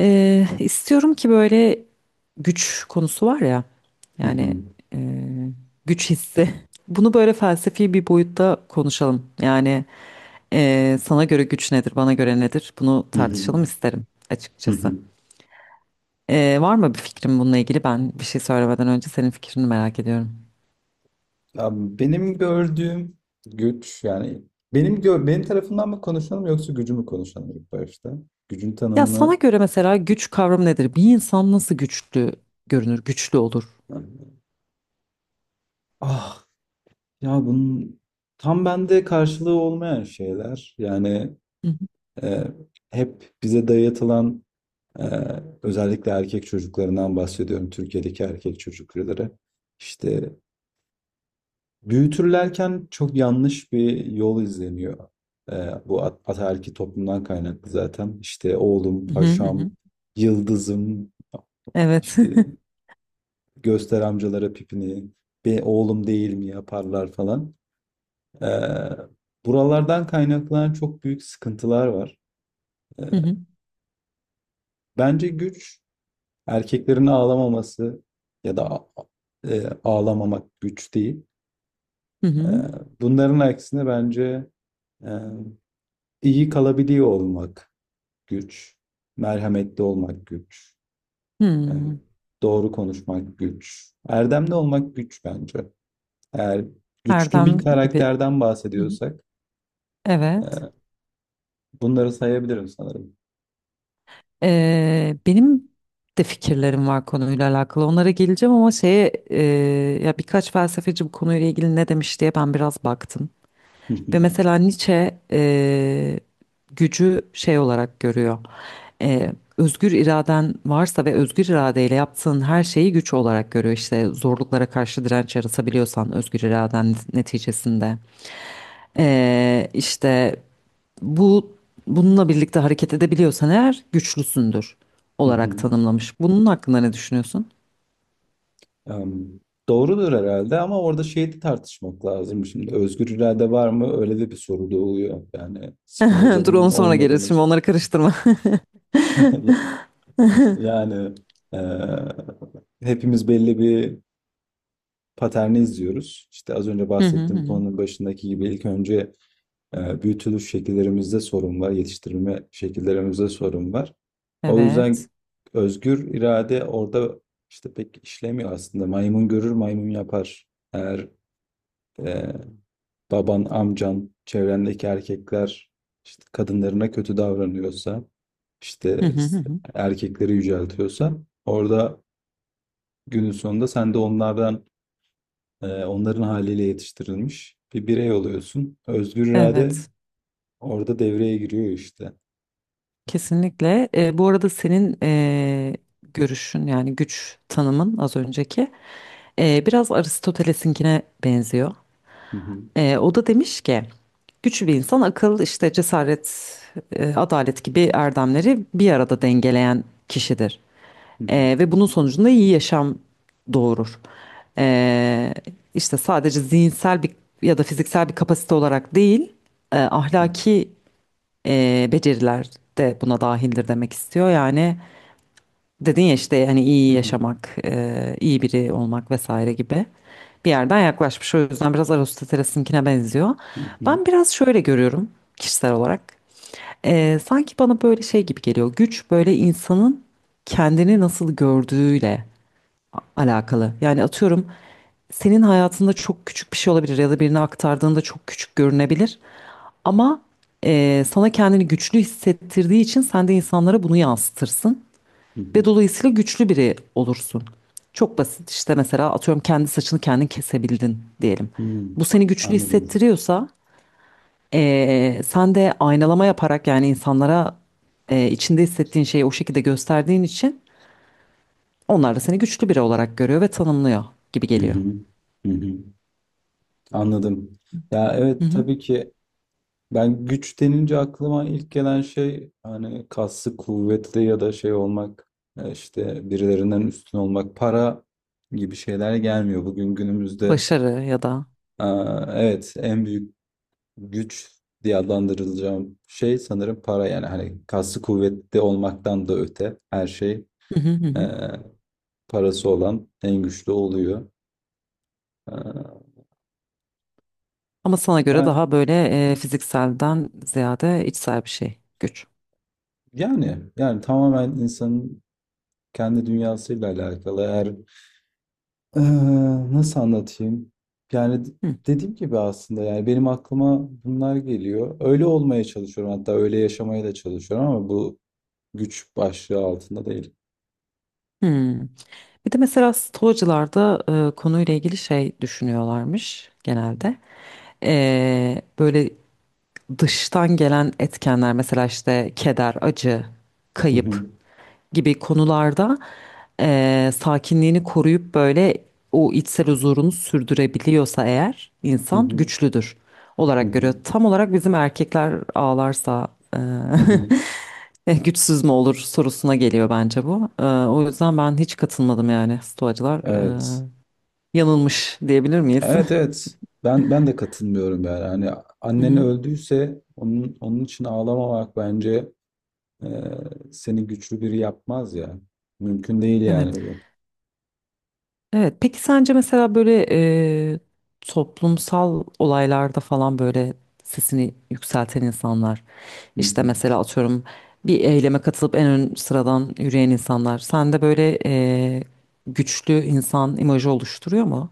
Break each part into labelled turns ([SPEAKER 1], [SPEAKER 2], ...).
[SPEAKER 1] İstiyorum ki böyle güç konusu var ya,
[SPEAKER 2] Hı
[SPEAKER 1] yani
[SPEAKER 2] hı.
[SPEAKER 1] eee, güç hissi. Bunu böyle felsefi bir boyutta konuşalım. Yani, sana göre güç nedir, bana göre nedir? Bunu
[SPEAKER 2] Hı hı.
[SPEAKER 1] tartışalım isterim
[SPEAKER 2] Hı
[SPEAKER 1] açıkçası.
[SPEAKER 2] hı.
[SPEAKER 1] Var mı bir fikrin bununla ilgili? Ben bir şey söylemeden önce senin fikrini merak ediyorum.
[SPEAKER 2] Ya benim gördüğüm güç yani benim tarafından mı konuşalım yoksa gücü mü konuşalım ilk başta? Gücün
[SPEAKER 1] Ya sana
[SPEAKER 2] tanımını
[SPEAKER 1] göre mesela güç kavramı nedir? Bir insan nasıl güçlü görünür, güçlü olur?
[SPEAKER 2] yani ah ya bunun tam bende karşılığı olmayan şeyler yani
[SPEAKER 1] Hı
[SPEAKER 2] e, hep bize dayatılan, e, özellikle erkek çocuklarından bahsediyorum, Türkiye'deki erkek çocukları işte büyütürlerken çok yanlış bir yol izleniyor. Bu ataerkil toplumdan kaynaklı zaten. İşte oğlum,
[SPEAKER 1] hı hı hı,
[SPEAKER 2] paşam,
[SPEAKER 1] hı.
[SPEAKER 2] yıldızım,
[SPEAKER 1] Evet.
[SPEAKER 2] işte göster amcalara pipini, be oğlum değil mi yaparlar falan. Ee, Buralardan kaynaklanan çok büyük sıkıntılar var. Ee,
[SPEAKER 1] Hı hı
[SPEAKER 2] Bence güç erkeklerin ağlamaması ya da ağlamamak güç değil.
[SPEAKER 1] hı,
[SPEAKER 2] Ee,
[SPEAKER 1] hı.
[SPEAKER 2] Bunların aksine bence... e, İyi kalabiliyor olmak güç, merhametli olmak güç, yani
[SPEAKER 1] Hmm.
[SPEAKER 2] doğru konuşmak güç, erdemli olmak güç bence. Eğer güçlü bir
[SPEAKER 1] Erdem gibi.
[SPEAKER 2] karakterden
[SPEAKER 1] Hı hı.
[SPEAKER 2] bahsediyorsak
[SPEAKER 1] Evet.
[SPEAKER 2] e, bunları sayabilirim sanırım.
[SPEAKER 1] Benim de fikirlerim var konuyla alakalı. Onlara geleceğim ama ya birkaç felsefeci bu konuyla ilgili ne demiş diye ben biraz baktım. Ve mesela Nietzsche gücü şey olarak görüyor. E, Özgür iraden varsa ve özgür iradeyle yaptığın her şeyi güç olarak görüyor. İşte zorluklara karşı direnç yaratabiliyorsan özgür iraden neticesinde. E, işte bu bununla birlikte hareket edebiliyorsan eğer güçlüsündür olarak tanımlamış. Bunun hakkında ne düşünüyorsun?
[SPEAKER 2] Em, Doğrudur herhalde ama orada şeyi de tartışmak lazım. Şimdi özgür irade var mı? Öyle de bir soru doğuyor. Yani Spinoza
[SPEAKER 1] Dur
[SPEAKER 2] bunun
[SPEAKER 1] onu sonra gelir.
[SPEAKER 2] olmadığını
[SPEAKER 1] Şimdi onları karıştırma.
[SPEAKER 2] yani e, hepimiz belli bir paterni izliyoruz. İşte az önce
[SPEAKER 1] Hı hı hı,
[SPEAKER 2] bahsettiğim
[SPEAKER 1] hı.
[SPEAKER 2] konunun başındaki gibi ilk önce büyütülüş şekillerimizde sorun var, yetiştirilme şekillerimizde sorun var. O
[SPEAKER 1] Evet.
[SPEAKER 2] yüzden özgür irade orada işte pek işlemiyor aslında. Maymun görür, maymun yapar. Eğer e, baban, amcan, çevrendeki erkekler işte kadınlarına kötü davranıyorsa,
[SPEAKER 1] Hı
[SPEAKER 2] işte
[SPEAKER 1] hı hı, hı.
[SPEAKER 2] erkekleri yüceltiyorsa, orada günün sonunda sen de onlardan onların haliyle yetiştirilmiş bir birey oluyorsun. Özgür irade
[SPEAKER 1] Evet.
[SPEAKER 2] orada devreye giriyor işte.
[SPEAKER 1] Kesinlikle. Bu arada senin görüşün yani güç tanımın az önceki biraz Aristoteles'inkine benziyor.
[SPEAKER 2] Hı hı,
[SPEAKER 1] O da demiş ki güçlü bir insan akıl, işte cesaret, adalet gibi erdemleri bir arada dengeleyen kişidir.
[SPEAKER 2] hı hı,
[SPEAKER 1] Ve bunun sonucunda iyi yaşam doğurur. E, işte sadece zihinsel bir ya da fiziksel bir kapasite olarak değil,
[SPEAKER 2] hı
[SPEAKER 1] ahlaki beceriler de buna dahildir demek istiyor. Yani dedin ya işte hani iyi
[SPEAKER 2] hı,
[SPEAKER 1] yaşamak, iyi biri olmak vesaire gibi bir yerden yaklaşmış. O yüzden biraz Aristoteles'inkine benziyor.
[SPEAKER 2] hı hı,
[SPEAKER 1] Ben biraz şöyle görüyorum kişisel olarak. Sanki bana böyle şey gibi geliyor. Güç böyle insanın kendini nasıl gördüğüyle alakalı. Yani atıyorum senin hayatında çok küçük bir şey olabilir ya da birine aktardığında çok küçük görünebilir. Ama sana kendini güçlü hissettirdiği için sen de insanlara bunu yansıtırsın ve
[SPEAKER 2] hı
[SPEAKER 1] dolayısıyla güçlü biri olursun. Çok basit işte mesela atıyorum kendi saçını kendin kesebildin diyelim.
[SPEAKER 2] hı, hı.
[SPEAKER 1] Bu seni güçlü
[SPEAKER 2] Anladım.
[SPEAKER 1] hissettiriyorsa sen de aynalama yaparak yani insanlara içinde hissettiğin şeyi o şekilde gösterdiğin için onlar da seni güçlü biri olarak görüyor ve tanımlıyor gibi
[SPEAKER 2] Hı
[SPEAKER 1] geliyor.
[SPEAKER 2] hı, hı hı. Anladım. Ya
[SPEAKER 1] Hı
[SPEAKER 2] evet,
[SPEAKER 1] hı.
[SPEAKER 2] tabii ki ben güç denince aklıma ilk gelen şey hani kaslı kuvvetli ya da şey olmak, işte birilerinden üstün olmak, para gibi şeyler gelmiyor. Bugün günümüzde
[SPEAKER 1] Başarı ya da.
[SPEAKER 2] aa, evet, en büyük güç diye adlandırılacağım şey sanırım para. Yani hani kaslı kuvvetli olmaktan da öte her şey,
[SPEAKER 1] Hı hı hı,
[SPEAKER 2] e,
[SPEAKER 1] hı.
[SPEAKER 2] parası olan en güçlü oluyor. E,
[SPEAKER 1] Ama sana göre
[SPEAKER 2] ya-
[SPEAKER 1] daha böyle fizikselden ziyade içsel bir şey, güç.
[SPEAKER 2] yani yani tamamen insanın kendi dünyasıyla alakalı. Eğer e, nasıl anlatayım? Yani
[SPEAKER 1] Hı.
[SPEAKER 2] dediğim gibi aslında, yani benim aklıma bunlar geliyor. Öyle olmaya çalışıyorum, hatta öyle yaşamaya da çalışıyorum, ama bu güç başlığı altında değil.
[SPEAKER 1] Hı. Bir de mesela Stoacılar da konuyla ilgili şey düşünüyorlarmış genelde. Böyle dıştan gelen etkenler mesela işte keder, acı,
[SPEAKER 2] Hı hı,
[SPEAKER 1] kayıp gibi konularda sakinliğini koruyup böyle o içsel huzurunu sürdürebiliyorsa eğer
[SPEAKER 2] hı
[SPEAKER 1] insan
[SPEAKER 2] hı,
[SPEAKER 1] güçlüdür
[SPEAKER 2] hı
[SPEAKER 1] olarak görüyor.
[SPEAKER 2] hı,
[SPEAKER 1] Tam olarak bizim erkekler ağlarsa
[SPEAKER 2] hı hı.
[SPEAKER 1] güçsüz mü olur sorusuna geliyor bence bu. O yüzden ben hiç katılmadım yani stoacılar
[SPEAKER 2] Evet.
[SPEAKER 1] yanılmış diyebilir miyiz?
[SPEAKER 2] Evet, evet. Ben de katılmıyorum yani. Hani
[SPEAKER 1] Hı
[SPEAKER 2] annen
[SPEAKER 1] hı.
[SPEAKER 2] öldüyse onun için ağlamamak bence e, seni güçlü biri yapmaz ya. Mümkün değil yani
[SPEAKER 1] Evet.
[SPEAKER 2] bu.
[SPEAKER 1] Evet, peki sence mesela böyle e, toplumsal olaylarda falan böyle sesini yükselten insanlar,
[SPEAKER 2] Hı
[SPEAKER 1] işte
[SPEAKER 2] hı.
[SPEAKER 1] mesela atıyorum bir eyleme katılıp en ön sıradan yürüyen insanlar, sende böyle güçlü insan imajı oluşturuyor mu?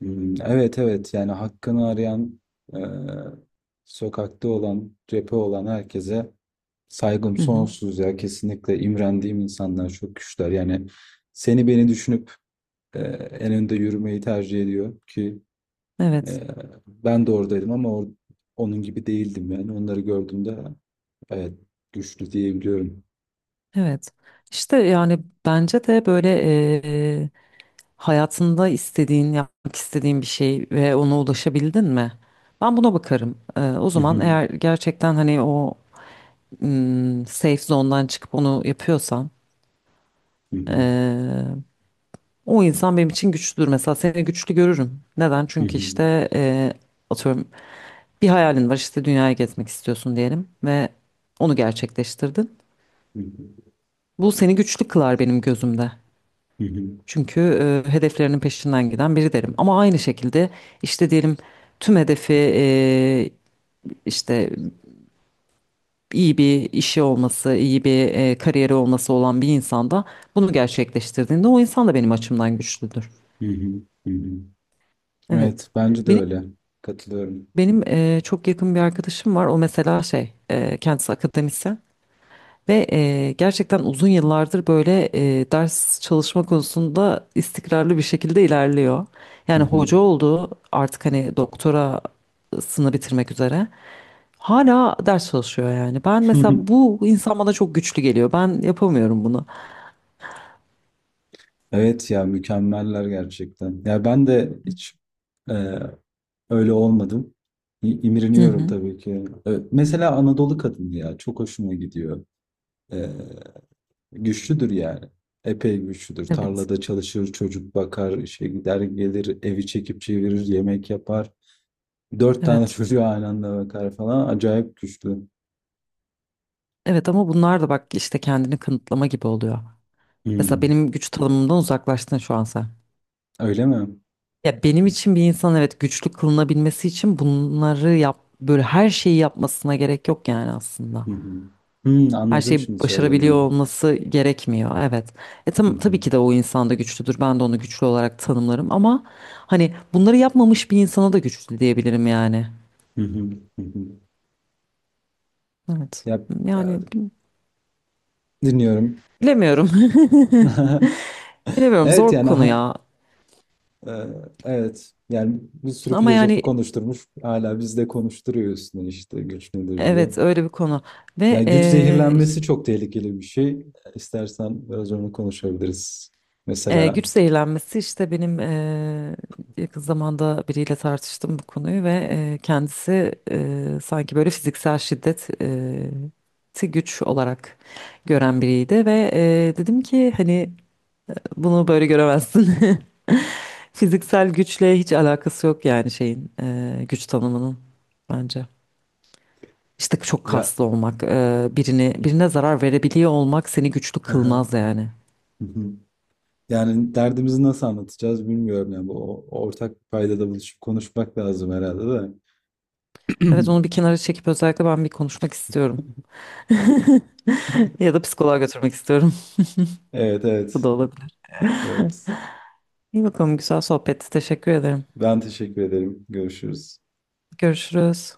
[SPEAKER 2] Hmm, evet, evet. Yani hakkını arayan, e, sokakta olan, cephe olan herkese saygım
[SPEAKER 1] Hı hı.
[SPEAKER 2] sonsuz ya, kesinlikle imrendiğim insanlar, çok güçler yani. Seni beni düşünüp e, en önde yürümeyi tercih ediyor ki
[SPEAKER 1] Evet,
[SPEAKER 2] Ee, ben de oradaydım ama onun gibi değildim yani. Onları gördüğümde evet, güçlü diyebiliyorum.
[SPEAKER 1] evet. İşte yani bence de böyle e, hayatında istediğin, yapmak istediğin bir şey ve ona ulaşabildin mi? Ben buna bakarım. E, o
[SPEAKER 2] Hı
[SPEAKER 1] zaman
[SPEAKER 2] hı,
[SPEAKER 1] eğer gerçekten hani safe zone'dan çıkıp onu yapıyorsam
[SPEAKER 2] hı hı,
[SPEAKER 1] eee, o insan benim için güçlüdür. Mesela seni güçlü görürüm. Neden?
[SPEAKER 2] hı
[SPEAKER 1] Çünkü
[SPEAKER 2] hı,
[SPEAKER 1] işte eee, atıyorum bir hayalin var işte dünyayı gezmek istiyorsun diyelim ve onu gerçekleştirdin.
[SPEAKER 2] hı hı,
[SPEAKER 1] Bu seni güçlü kılar benim gözümde.
[SPEAKER 2] hı hı,
[SPEAKER 1] Çünkü hedeflerinin peşinden giden biri derim. Ama aynı şekilde işte diyelim tüm hedefi işte iyi bir işi olması, iyi bir kariyeri olması olan bir insanda bunu gerçekleştirdiğinde o insan da benim açımdan güçlüdür.
[SPEAKER 2] hı hı, hı hı.
[SPEAKER 1] Evet.
[SPEAKER 2] Evet, bence de
[SPEAKER 1] Benim
[SPEAKER 2] öyle. Katılıyorum.
[SPEAKER 1] benim çok yakın bir arkadaşım var. O mesela kendisi akademisyen ve gerçekten uzun yıllardır böyle ders çalışma konusunda istikrarlı bir şekilde ilerliyor.
[SPEAKER 2] Hı
[SPEAKER 1] Yani hoca
[SPEAKER 2] hı.
[SPEAKER 1] oldu, artık hani doktorasını bitirmek üzere. Hala ders çalışıyor yani. Ben mesela bu insan bana çok güçlü geliyor. Ben yapamıyorum bunu.
[SPEAKER 2] Evet ya, mükemmeller gerçekten. Ya ben de hiç e, öyle olmadım.
[SPEAKER 1] Hı
[SPEAKER 2] İmreniyorum
[SPEAKER 1] hı.
[SPEAKER 2] tabii ki. E, mesela Anadolu kadını ya, çok hoşuma gidiyor. E, güçlüdür yani. Epey güçlüdür.
[SPEAKER 1] Evet.
[SPEAKER 2] Tarlada çalışır, çocuk bakar, işe gider gelir, evi çekip çevirir, yemek yapar. Dört tane
[SPEAKER 1] Evet.
[SPEAKER 2] çocuğu aynı anda bakar falan. Acayip güçlü.
[SPEAKER 1] Evet ama bunlar da bak işte kendini kanıtlama gibi oluyor. Mesela
[SPEAKER 2] Hmm,
[SPEAKER 1] benim güç tanımımdan uzaklaştın şu an sen.
[SPEAKER 2] öyle mi?
[SPEAKER 1] Ya benim için bir insan evet güçlü kılınabilmesi için bunları yap böyle her şeyi yapmasına gerek yok yani aslında.
[SPEAKER 2] Hı hı. Hmm,
[SPEAKER 1] Her
[SPEAKER 2] anladım
[SPEAKER 1] şeyi
[SPEAKER 2] şimdi
[SPEAKER 1] başarabiliyor
[SPEAKER 2] söylediğini.
[SPEAKER 1] olması gerekmiyor. Evet. E
[SPEAKER 2] Hı
[SPEAKER 1] tam, tabii
[SPEAKER 2] hı,
[SPEAKER 1] ki de o insan da güçlüdür. Ben de onu güçlü olarak tanımlarım ama hani bunları yapmamış bir insana da güçlü diyebilirim yani.
[SPEAKER 2] hı hı, hı hı.
[SPEAKER 1] Evet.
[SPEAKER 2] Ya,
[SPEAKER 1] Yani
[SPEAKER 2] e, dinliyorum.
[SPEAKER 1] bilemiyorum. Bilemiyorum
[SPEAKER 2] Evet
[SPEAKER 1] zor
[SPEAKER 2] yani
[SPEAKER 1] konu ya.
[SPEAKER 2] e, evet yani bir sürü
[SPEAKER 1] Ama
[SPEAKER 2] filozofu
[SPEAKER 1] yani
[SPEAKER 2] konuşturmuş. Hala biz de konuşturuyor üstüne, işte güç nedir diye.
[SPEAKER 1] evet öyle bir konu
[SPEAKER 2] Ya,
[SPEAKER 1] ve
[SPEAKER 2] güç zehirlenmesi çok tehlikeli bir şey. İstersen biraz onu konuşabiliriz. Mesela
[SPEAKER 1] güç zehirlenmesi işte benim yakın zamanda biriyle tartıştım bu konuyu ve kendisi sanki böyle fiziksel şiddet ti güç olarak gören biriydi ve dedim ki hani bunu böyle göremezsin. Fiziksel güçle hiç alakası yok yani şeyin, güç tanımının bence. İşte çok
[SPEAKER 2] ya
[SPEAKER 1] kaslı olmak, birini birine zarar verebiliyor olmak seni güçlü
[SPEAKER 2] hı
[SPEAKER 1] kılmaz yani.
[SPEAKER 2] hı. Yani derdimizi nasıl anlatacağız bilmiyorum ya. Bu ortak bir paydada buluşup konuşmak lazım herhalde de.
[SPEAKER 1] Evet onu bir kenara çekip özellikle ben bir konuşmak istiyorum. Ya da psikoloğa götürmek istiyorum.
[SPEAKER 2] Evet,
[SPEAKER 1] Bu
[SPEAKER 2] evet.
[SPEAKER 1] da olabilir.
[SPEAKER 2] Evet.
[SPEAKER 1] İyi bakalım güzel sohbetti. Teşekkür ederim.
[SPEAKER 2] Ben teşekkür ederim. Görüşürüz.
[SPEAKER 1] Görüşürüz.